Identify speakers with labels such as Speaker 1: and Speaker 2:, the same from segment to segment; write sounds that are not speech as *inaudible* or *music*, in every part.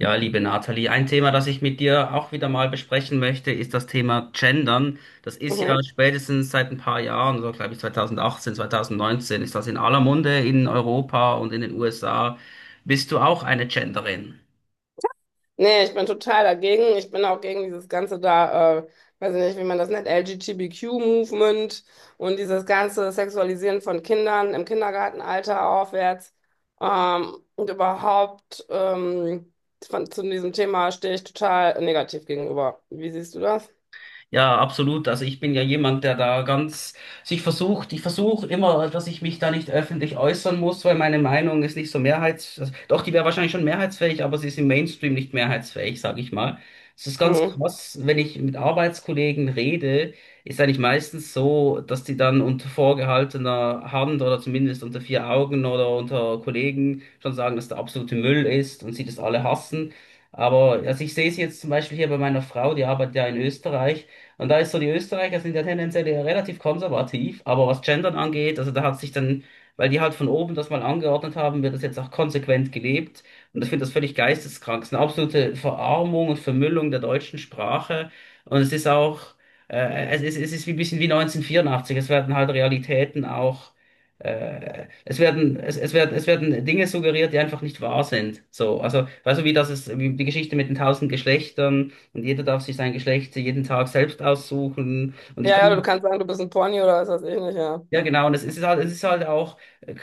Speaker 1: Ja, liebe Nathalie, ein Thema, das ich mit dir auch wieder mal besprechen möchte, ist das Thema Gendern. Das ist ja
Speaker 2: Mhm.
Speaker 1: spätestens seit ein paar Jahren, so glaube ich 2018, 2019, ist das in aller Munde in Europa und in den USA. Bist du auch eine Genderin?
Speaker 2: Nee, ich bin total dagegen. Ich bin auch gegen dieses ganze da, weiß ich nicht, wie man das nennt, L G T B Q movement und dieses ganze Sexualisieren von Kindern im Kindergartenalter aufwärts. Und überhaupt zu diesem Thema stehe ich total negativ gegenüber. Wie siehst du das?
Speaker 1: Ja, absolut. Also ich bin ja jemand, der da ganz sich versucht, ich versuche immer, dass ich mich da nicht öffentlich äußern muss, weil meine Meinung ist nicht so mehrheits, also, doch, die wäre wahrscheinlich schon mehrheitsfähig, aber sie ist im Mainstream nicht mehrheitsfähig, sage ich mal. Es ist ganz
Speaker 2: Mhm.
Speaker 1: krass, wenn ich mit Arbeitskollegen rede, ist eigentlich meistens so, dass die dann unter vorgehaltener Hand oder zumindest unter vier Augen oder unter Kollegen schon sagen, dass der absolute Müll ist und sie das alle hassen. Aber also ich sehe es jetzt zum Beispiel hier bei meiner Frau, die arbeitet ja in Österreich. Und da ist so, die Österreicher sind ja tendenziell eher relativ konservativ, aber was Gendern angeht, also da hat sich dann, weil die halt von oben das mal angeordnet haben, wird das jetzt auch konsequent gelebt. Und ich finde das völlig geisteskrank. Es ist eine absolute Verarmung und Vermüllung der deutschen Sprache. Und es ist auch, es ist wie ein bisschen wie 1984. Es werden halt Realitäten auch, es werden Dinge suggeriert, die einfach nicht wahr sind. So, also, weißt du, wie das ist, wie die Geschichte mit den 1.000 Geschlechtern und jeder darf sich sein Geschlecht jeden Tag selbst aussuchen. Und ich
Speaker 2: Ja,
Speaker 1: kann
Speaker 2: ja,
Speaker 1: mir
Speaker 2: du kannst sagen, du bist ein Pony oder was weiß ich nicht, ja.
Speaker 1: ja, genau, und es ist halt auch,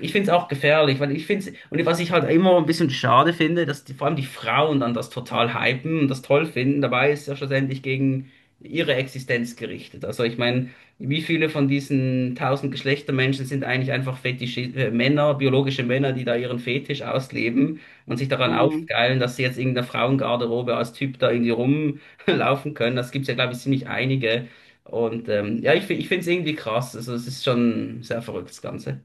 Speaker 1: ich finde es auch gefährlich, weil ich finde es, und was ich halt immer ein bisschen schade finde, dass die, vor allem die Frauen dann das total hypen und das toll finden, dabei ist es ja schlussendlich gegen ihre Existenz gerichtet. Also ich meine, wie viele von diesen 1.000 Geschlechtermenschen sind eigentlich einfach Fetisch, Männer, biologische Männer, die da ihren Fetisch ausleben und sich daran aufgeilen, dass sie jetzt in der Frauengarderobe als Typ da irgendwie rumlaufen können. Das gibt's ja, glaube ich, ziemlich einige. Und ja, ich finde es irgendwie krass. Also es ist schon sehr verrückt, das Ganze.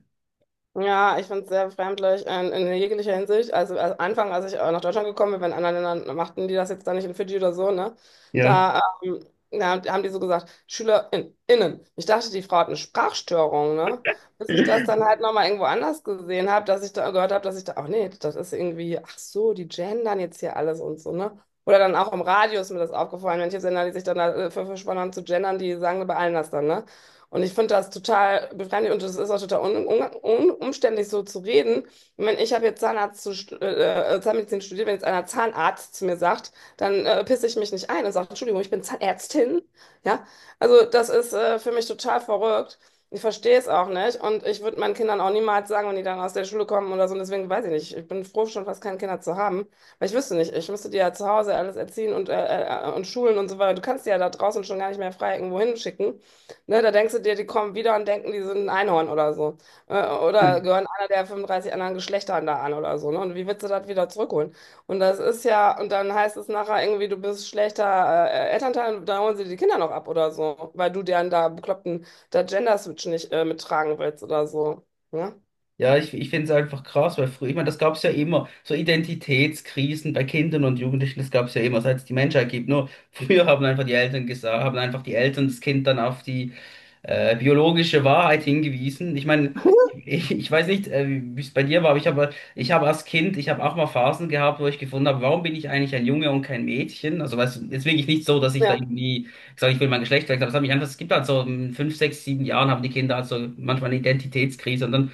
Speaker 2: Ja, ich finde es sehr befremdlich in jeglicher Hinsicht. Also am Anfang, als ich nach Deutschland gekommen bin, wenn in anderen Ländern machten die das jetzt dann nicht in Fidschi oder so, ne?
Speaker 1: Ja.
Speaker 2: Da, da haben die so gesagt, SchülerInnen. Innen. Ich dachte, die Frau hat eine Sprachstörung, ne? Bis ich das dann halt nochmal irgendwo anders gesehen habe, dass ich da gehört habe, dass ich da, ach nee, das ist irgendwie, ach so, die gendern jetzt hier alles und so, ne? Oder dann auch im Radio ist mir das aufgefallen, manche Sender, die sich dann dafür verschworen haben zu gendern, die sagen bei allen das dann, ne? Und ich finde das total befremdlich und es ist auch total un umständlich, so zu reden. Ich meine, ich habe jetzt Zahnmedizin studiert. Wenn jetzt einer Zahnarzt zu mir sagt, dann pisse ich mich nicht ein und sage, Entschuldigung, ich bin Zahnärztin. Ja, also das ist für mich total verrückt. Ich verstehe es auch nicht und ich würde meinen Kindern auch niemals sagen, wenn die dann aus der Schule kommen oder so. Und deswegen weiß ich nicht. Ich bin froh, schon fast keine Kinder zu haben, weil ich wüsste nicht. Ich müsste die ja zu Hause alles erziehen und und schulen und so weiter. Du kannst die ja da draußen schon gar nicht mehr frei irgendwo hinschicken. Ne, da denkst du dir, die kommen wieder und denken, die sind ein Einhorn oder so. Oder gehören einer der 35 anderen Geschlechter da an oder so. Ne? Und wie willst du das wieder zurückholen? Und das ist ja, und dann heißt es nachher irgendwie, du bist schlechter Elternteil, und da holen sie die Kinder noch ab oder so, weil du deren da bekloppten da Gender-Switch nicht mittragen willst oder so. Ne?
Speaker 1: Ja, ich finde es einfach krass, weil früher, ich meine, das gab es ja immer, so Identitätskrisen bei Kindern und Jugendlichen, das gab es ja immer, seit es die Menschheit gibt. Nur früher haben einfach die Eltern gesagt, haben einfach die Eltern das Kind dann auf die biologische Wahrheit hingewiesen. Ich meine, ich weiß nicht, wie es bei dir war, aber ich habe als Kind, ich habe auch mal Phasen gehabt, wo ich gefunden habe, warum bin ich eigentlich ein Junge und kein Mädchen? Also, weißt du, ist wirklich nicht so, dass ich da
Speaker 2: Ja.
Speaker 1: irgendwie gesagt, ich will mein Geschlecht wechseln, aber es hat mich einfach, es gibt halt so in 5, 6, 7 Jahren haben die Kinder halt so manchmal eine Identitätskrise und dann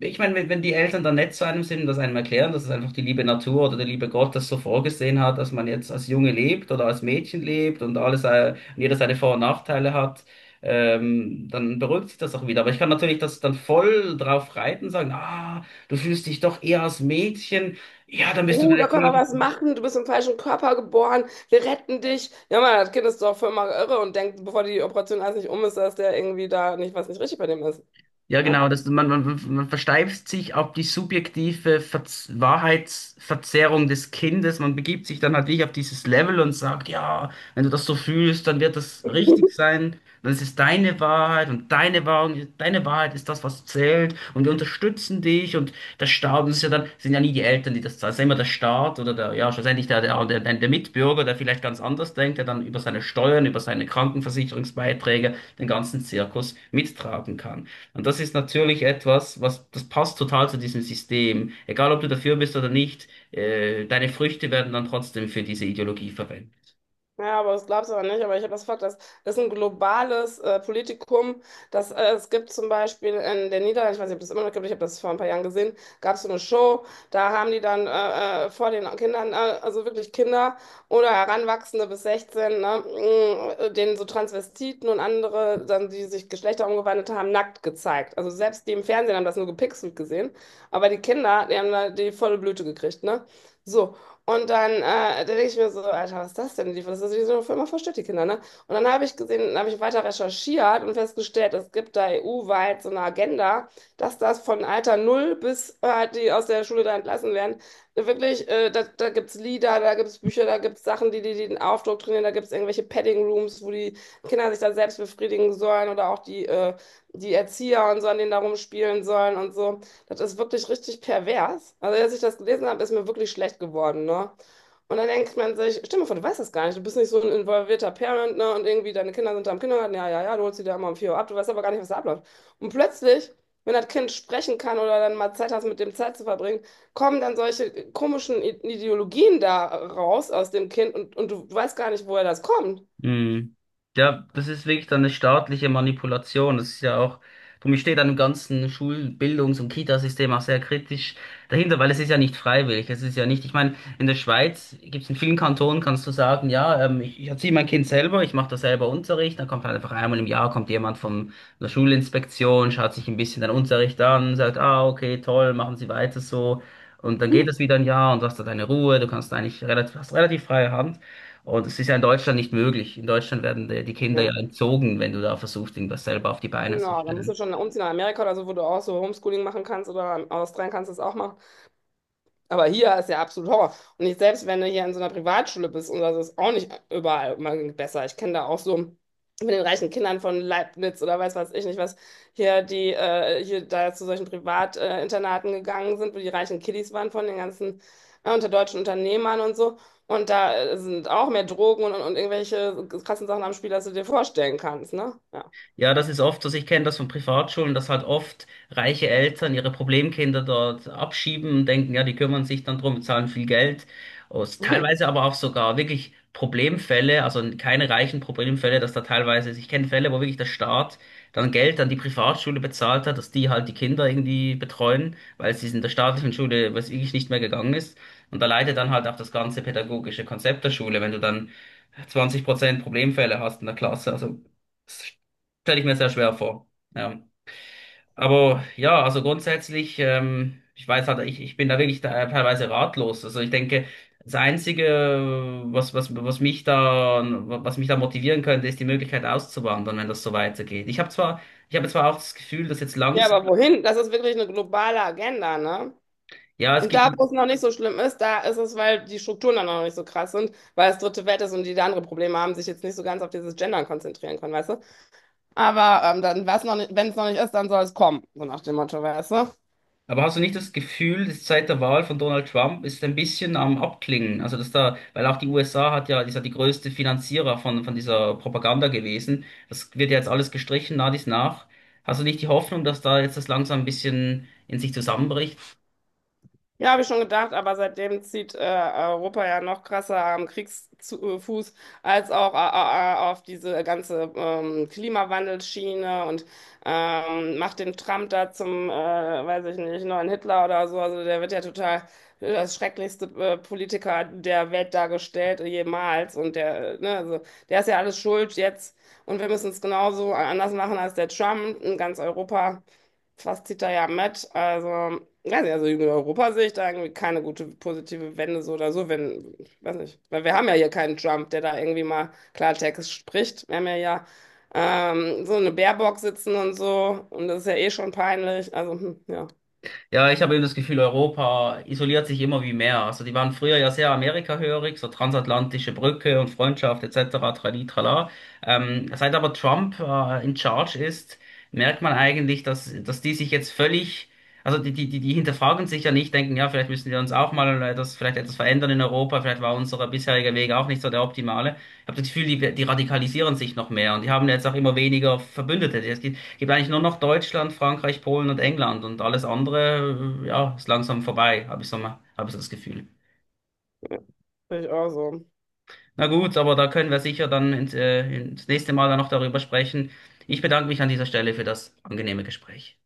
Speaker 1: ich meine, wenn die Eltern dann nett zu einem sind und das einem erklären, dass es einfach die liebe Natur oder der liebe Gott das so vorgesehen hat, dass man jetzt als Junge lebt oder als Mädchen lebt und alles, und jeder seine Vor- und Nachteile hat, dann beruhigt sich das auch wieder. Aber ich kann natürlich das dann voll drauf reiten, sagen, ah, du fühlst dich doch eher als Mädchen. Ja, dann bist du
Speaker 2: Oh, da
Speaker 1: vielleicht
Speaker 2: können wir was machen. Du bist im falschen Körper geboren. Wir retten dich. Ja, Mann, das Kind ist doch voll mal irre und denkt, bevor die Operation alles nicht um ist, dass der irgendwie da nicht was nicht richtig bei dem ist.
Speaker 1: ja, genau,
Speaker 2: Ne?
Speaker 1: man versteift sich auf die subjektive Verz Wahrheitsverzerrung des Kindes. Man begibt sich dann halt wirklich auf dieses Level und sagt, ja, wenn du das so fühlst, dann wird das richtig sein. Dann ist es deine Wahrheit und deine Wahrheit ist das, was zählt. Und wir unterstützen dich und der Staat, das ist ja dann, sind ja nie die Eltern, die das zahlen, es ist ja immer der Staat oder der, ja, schlussendlich der Mitbürger, der vielleicht ganz anders denkt, der dann über seine Steuern, über seine Krankenversicherungsbeiträge den ganzen Zirkus mittragen kann. Und das ist natürlich etwas, was, das passt total zu diesem System. Egal, ob du dafür bist oder nicht, deine Früchte werden dann trotzdem für diese Ideologie verwendet.
Speaker 2: Ja, aber das glaubst du aber nicht. Aber ich habe das Fakt, dass das ist ein globales Politikum. Das, es gibt zum Beispiel in den Niederlanden, ich weiß nicht, ob das immer noch gibt, ich habe das vor ein paar Jahren gesehen, gab es so eine Show, da haben die dann vor den Kindern, also wirklich Kinder oder Heranwachsende bis 16, ne, mh, denen so Transvestiten und andere, dann, die sich Geschlechter umgewandelt haben, nackt gezeigt. Also selbst die im Fernsehen haben das nur gepixelt gesehen. Aber die Kinder, die haben da die volle Blüte gekriegt, ne? So, und dann, da denke ich mir so, Alter, was ist das denn? Das ist wie so eine Firma verstört die Kinder, ne? Und dann habe ich gesehen, habe ich weiter recherchiert und festgestellt, es gibt da EU-weit so eine Agenda, dass das von Alter Null bis halt die aus der Schule da entlassen werden. Wirklich, da, da gibt es Lieder, da gibt es Bücher, da gibt es Sachen, die den Aufdruck trainieren, da gibt es irgendwelche Padding Rooms, wo die Kinder sich da selbst befriedigen sollen oder auch die, die Erzieher und so an denen da rumspielen sollen und so. Das ist wirklich richtig pervers. Also, als ich das gelesen habe, ist mir wirklich schlecht geworden, ne? Und dann denkt man sich, stell dir mal vor, du weißt das gar nicht, du bist nicht so ein involvierter Parent, ne? Und irgendwie deine Kinder sind da im Kindergarten, ja, ja, ja, du holst die da immer um 4 Uhr ab, du weißt aber gar nicht, was da abläuft. Und plötzlich, wenn das Kind sprechen kann oder dann mal Zeit hast, mit dem Zeit zu verbringen, kommen dann solche komischen Ideologien da raus aus dem Kind und du weißt gar nicht, woher das kommt. *laughs*
Speaker 1: Mhm. Ja, das ist wirklich dann eine staatliche Manipulation. Das ist ja auch, darum ich stehe dann im ganzen Schul-, Bildungs- und Kitasystem auch sehr kritisch dahinter, weil es ist ja nicht freiwillig. Es ist ja nicht, ich meine, in der Schweiz gibt es in vielen Kantonen, kannst du sagen, ja, ich erziehe mein Kind selber, ich mache da selber Unterricht, dann kommt halt einfach einmal im Jahr, kommt jemand von der Schulinspektion, schaut sich ein bisschen den Unterricht an, sagt, ah, okay, toll, machen Sie weiter so. Und dann
Speaker 2: Hm.
Speaker 1: geht es wieder ein Jahr und du hast da deine Ruhe, du kannst eigentlich relativ, hast relativ freie Hand. Und es ist ja in Deutschland nicht möglich. In Deutschland werden die Kinder
Speaker 2: Ja,
Speaker 1: ja entzogen, wenn du da versuchst, irgendwas selber auf die Beine zu
Speaker 2: genau, da musst
Speaker 1: stellen.
Speaker 2: du schon umziehen nach Amerika oder so, wo du auch so Homeschooling machen kannst oder Australien kannst du es auch machen. Aber hier ist ja absolut Horror. Und ich selbst, wenn du hier in so einer Privatschule bist, und das ist auch nicht überall immer besser. Ich kenne da auch so mit den reichen Kindern von Leibniz oder weiß was ich nicht was, hier die hier da zu solchen Privatinternaten Internaten gegangen sind, wo die reichen Kiddies waren von den ganzen unter deutschen Unternehmern und so. Und da sind auch mehr Drogen und irgendwelche krassen Sachen am Spiel, als du dir vorstellen kannst, ne? Ja.
Speaker 1: Ja, das ist oft, so, also ich kenne das von Privatschulen, dass halt oft reiche Eltern ihre Problemkinder dort abschieben und denken, ja, die kümmern sich dann drum, zahlen viel Geld. Und
Speaker 2: *laughs*
Speaker 1: teilweise aber auch sogar wirklich Problemfälle, also keine reichen Problemfälle, dass da teilweise, also ich kenne Fälle, wo wirklich der Staat dann Geld an die Privatschule bezahlt hat, dass die halt die Kinder irgendwie betreuen, weil es in der staatlichen Schule, was wirklich nicht mehr gegangen ist. Und da leidet dann halt auch das ganze pädagogische Konzept der Schule, wenn du dann 20% Problemfälle hast in der Klasse, also stelle ich mir sehr schwer vor. Ja. Aber ja, also grundsätzlich, ich weiß halt, ich bin da wirklich da, teilweise ratlos. Also ich denke, das Einzige, was, was, was mich da, was mich da motivieren könnte, ist die Möglichkeit auszuwandern, wenn das so weitergeht. Ich habe zwar auch das Gefühl, dass jetzt
Speaker 2: Ja,
Speaker 1: langsam,
Speaker 2: aber wohin? Das ist wirklich eine globale Agenda, ne?
Speaker 1: ja, es
Speaker 2: Und
Speaker 1: gibt
Speaker 2: da, wo es noch nicht so schlimm ist, da ist es, weil die Strukturen dann noch nicht so krass sind, weil es dritte Welt ist und die da andere Probleme haben, sich jetzt nicht so ganz auf dieses Gendern konzentrieren können, weißt du? Aber dann, was noch nicht, wenn es noch nicht ist, dann soll es kommen, so nach dem Motto, weißt du?
Speaker 1: Aber hast du nicht das Gefühl, dass seit der Wahl von Donald Trump ist ein bisschen am Abklingen? Also dass da, weil auch die USA hat ja, ist ja die größte Finanzierer von dieser Propaganda gewesen. Das wird ja jetzt alles gestrichen, nach dies nach. Hast du nicht die Hoffnung, dass da jetzt das langsam ein bisschen in sich zusammenbricht?
Speaker 2: Ja, habe ich schon gedacht, aber seitdem zieht Europa ja noch krasser am Kriegsfuß als auch auf diese ganze Klimawandelschiene und macht den Trump da zum, weiß ich nicht, neuen Hitler oder so. Also der wird ja total das schrecklichste Politiker der Welt dargestellt jemals. Und der, ne, also der ist ja alles schuld jetzt und wir müssen es genauso anders machen als der Trump in ganz Europa was zieht da ja mit? Also, weiß nicht, also in Europa sehe ich da irgendwie keine gute positive Wende so oder so, wenn, weiß nicht, weil wir haben ja hier keinen Trump, der da irgendwie mal Klartext spricht. Wir haben ja, ja so eine Baerbock sitzen und so und das ist ja eh schon peinlich. Also, hm, ja,
Speaker 1: Ja, ich habe eben das Gefühl, Europa isoliert sich immer wie mehr. Also die waren früher ja sehr amerikahörig, so transatlantische Brücke und Freundschaft etc. Trali, trala. Seit aber Trump in Charge ist, merkt man eigentlich, dass die sich jetzt völlig, also die hinterfragen sich ja nicht, denken, ja, vielleicht müssen wir uns auch mal vielleicht etwas verändern in Europa, vielleicht war unser bisheriger Weg auch nicht so der optimale. Ich habe das Gefühl, die radikalisieren sich noch mehr und die haben jetzt auch immer weniger Verbündete. Gibt eigentlich nur noch Deutschland, Frankreich, Polen und England und alles andere, ja, ist langsam vorbei, habe ich so mal, habe ich so das Gefühl.
Speaker 2: sehe ich auch so.
Speaker 1: Na gut, aber da können wir sicher dann ins nächste Mal dann noch darüber sprechen. Ich bedanke mich an dieser Stelle für das angenehme Gespräch.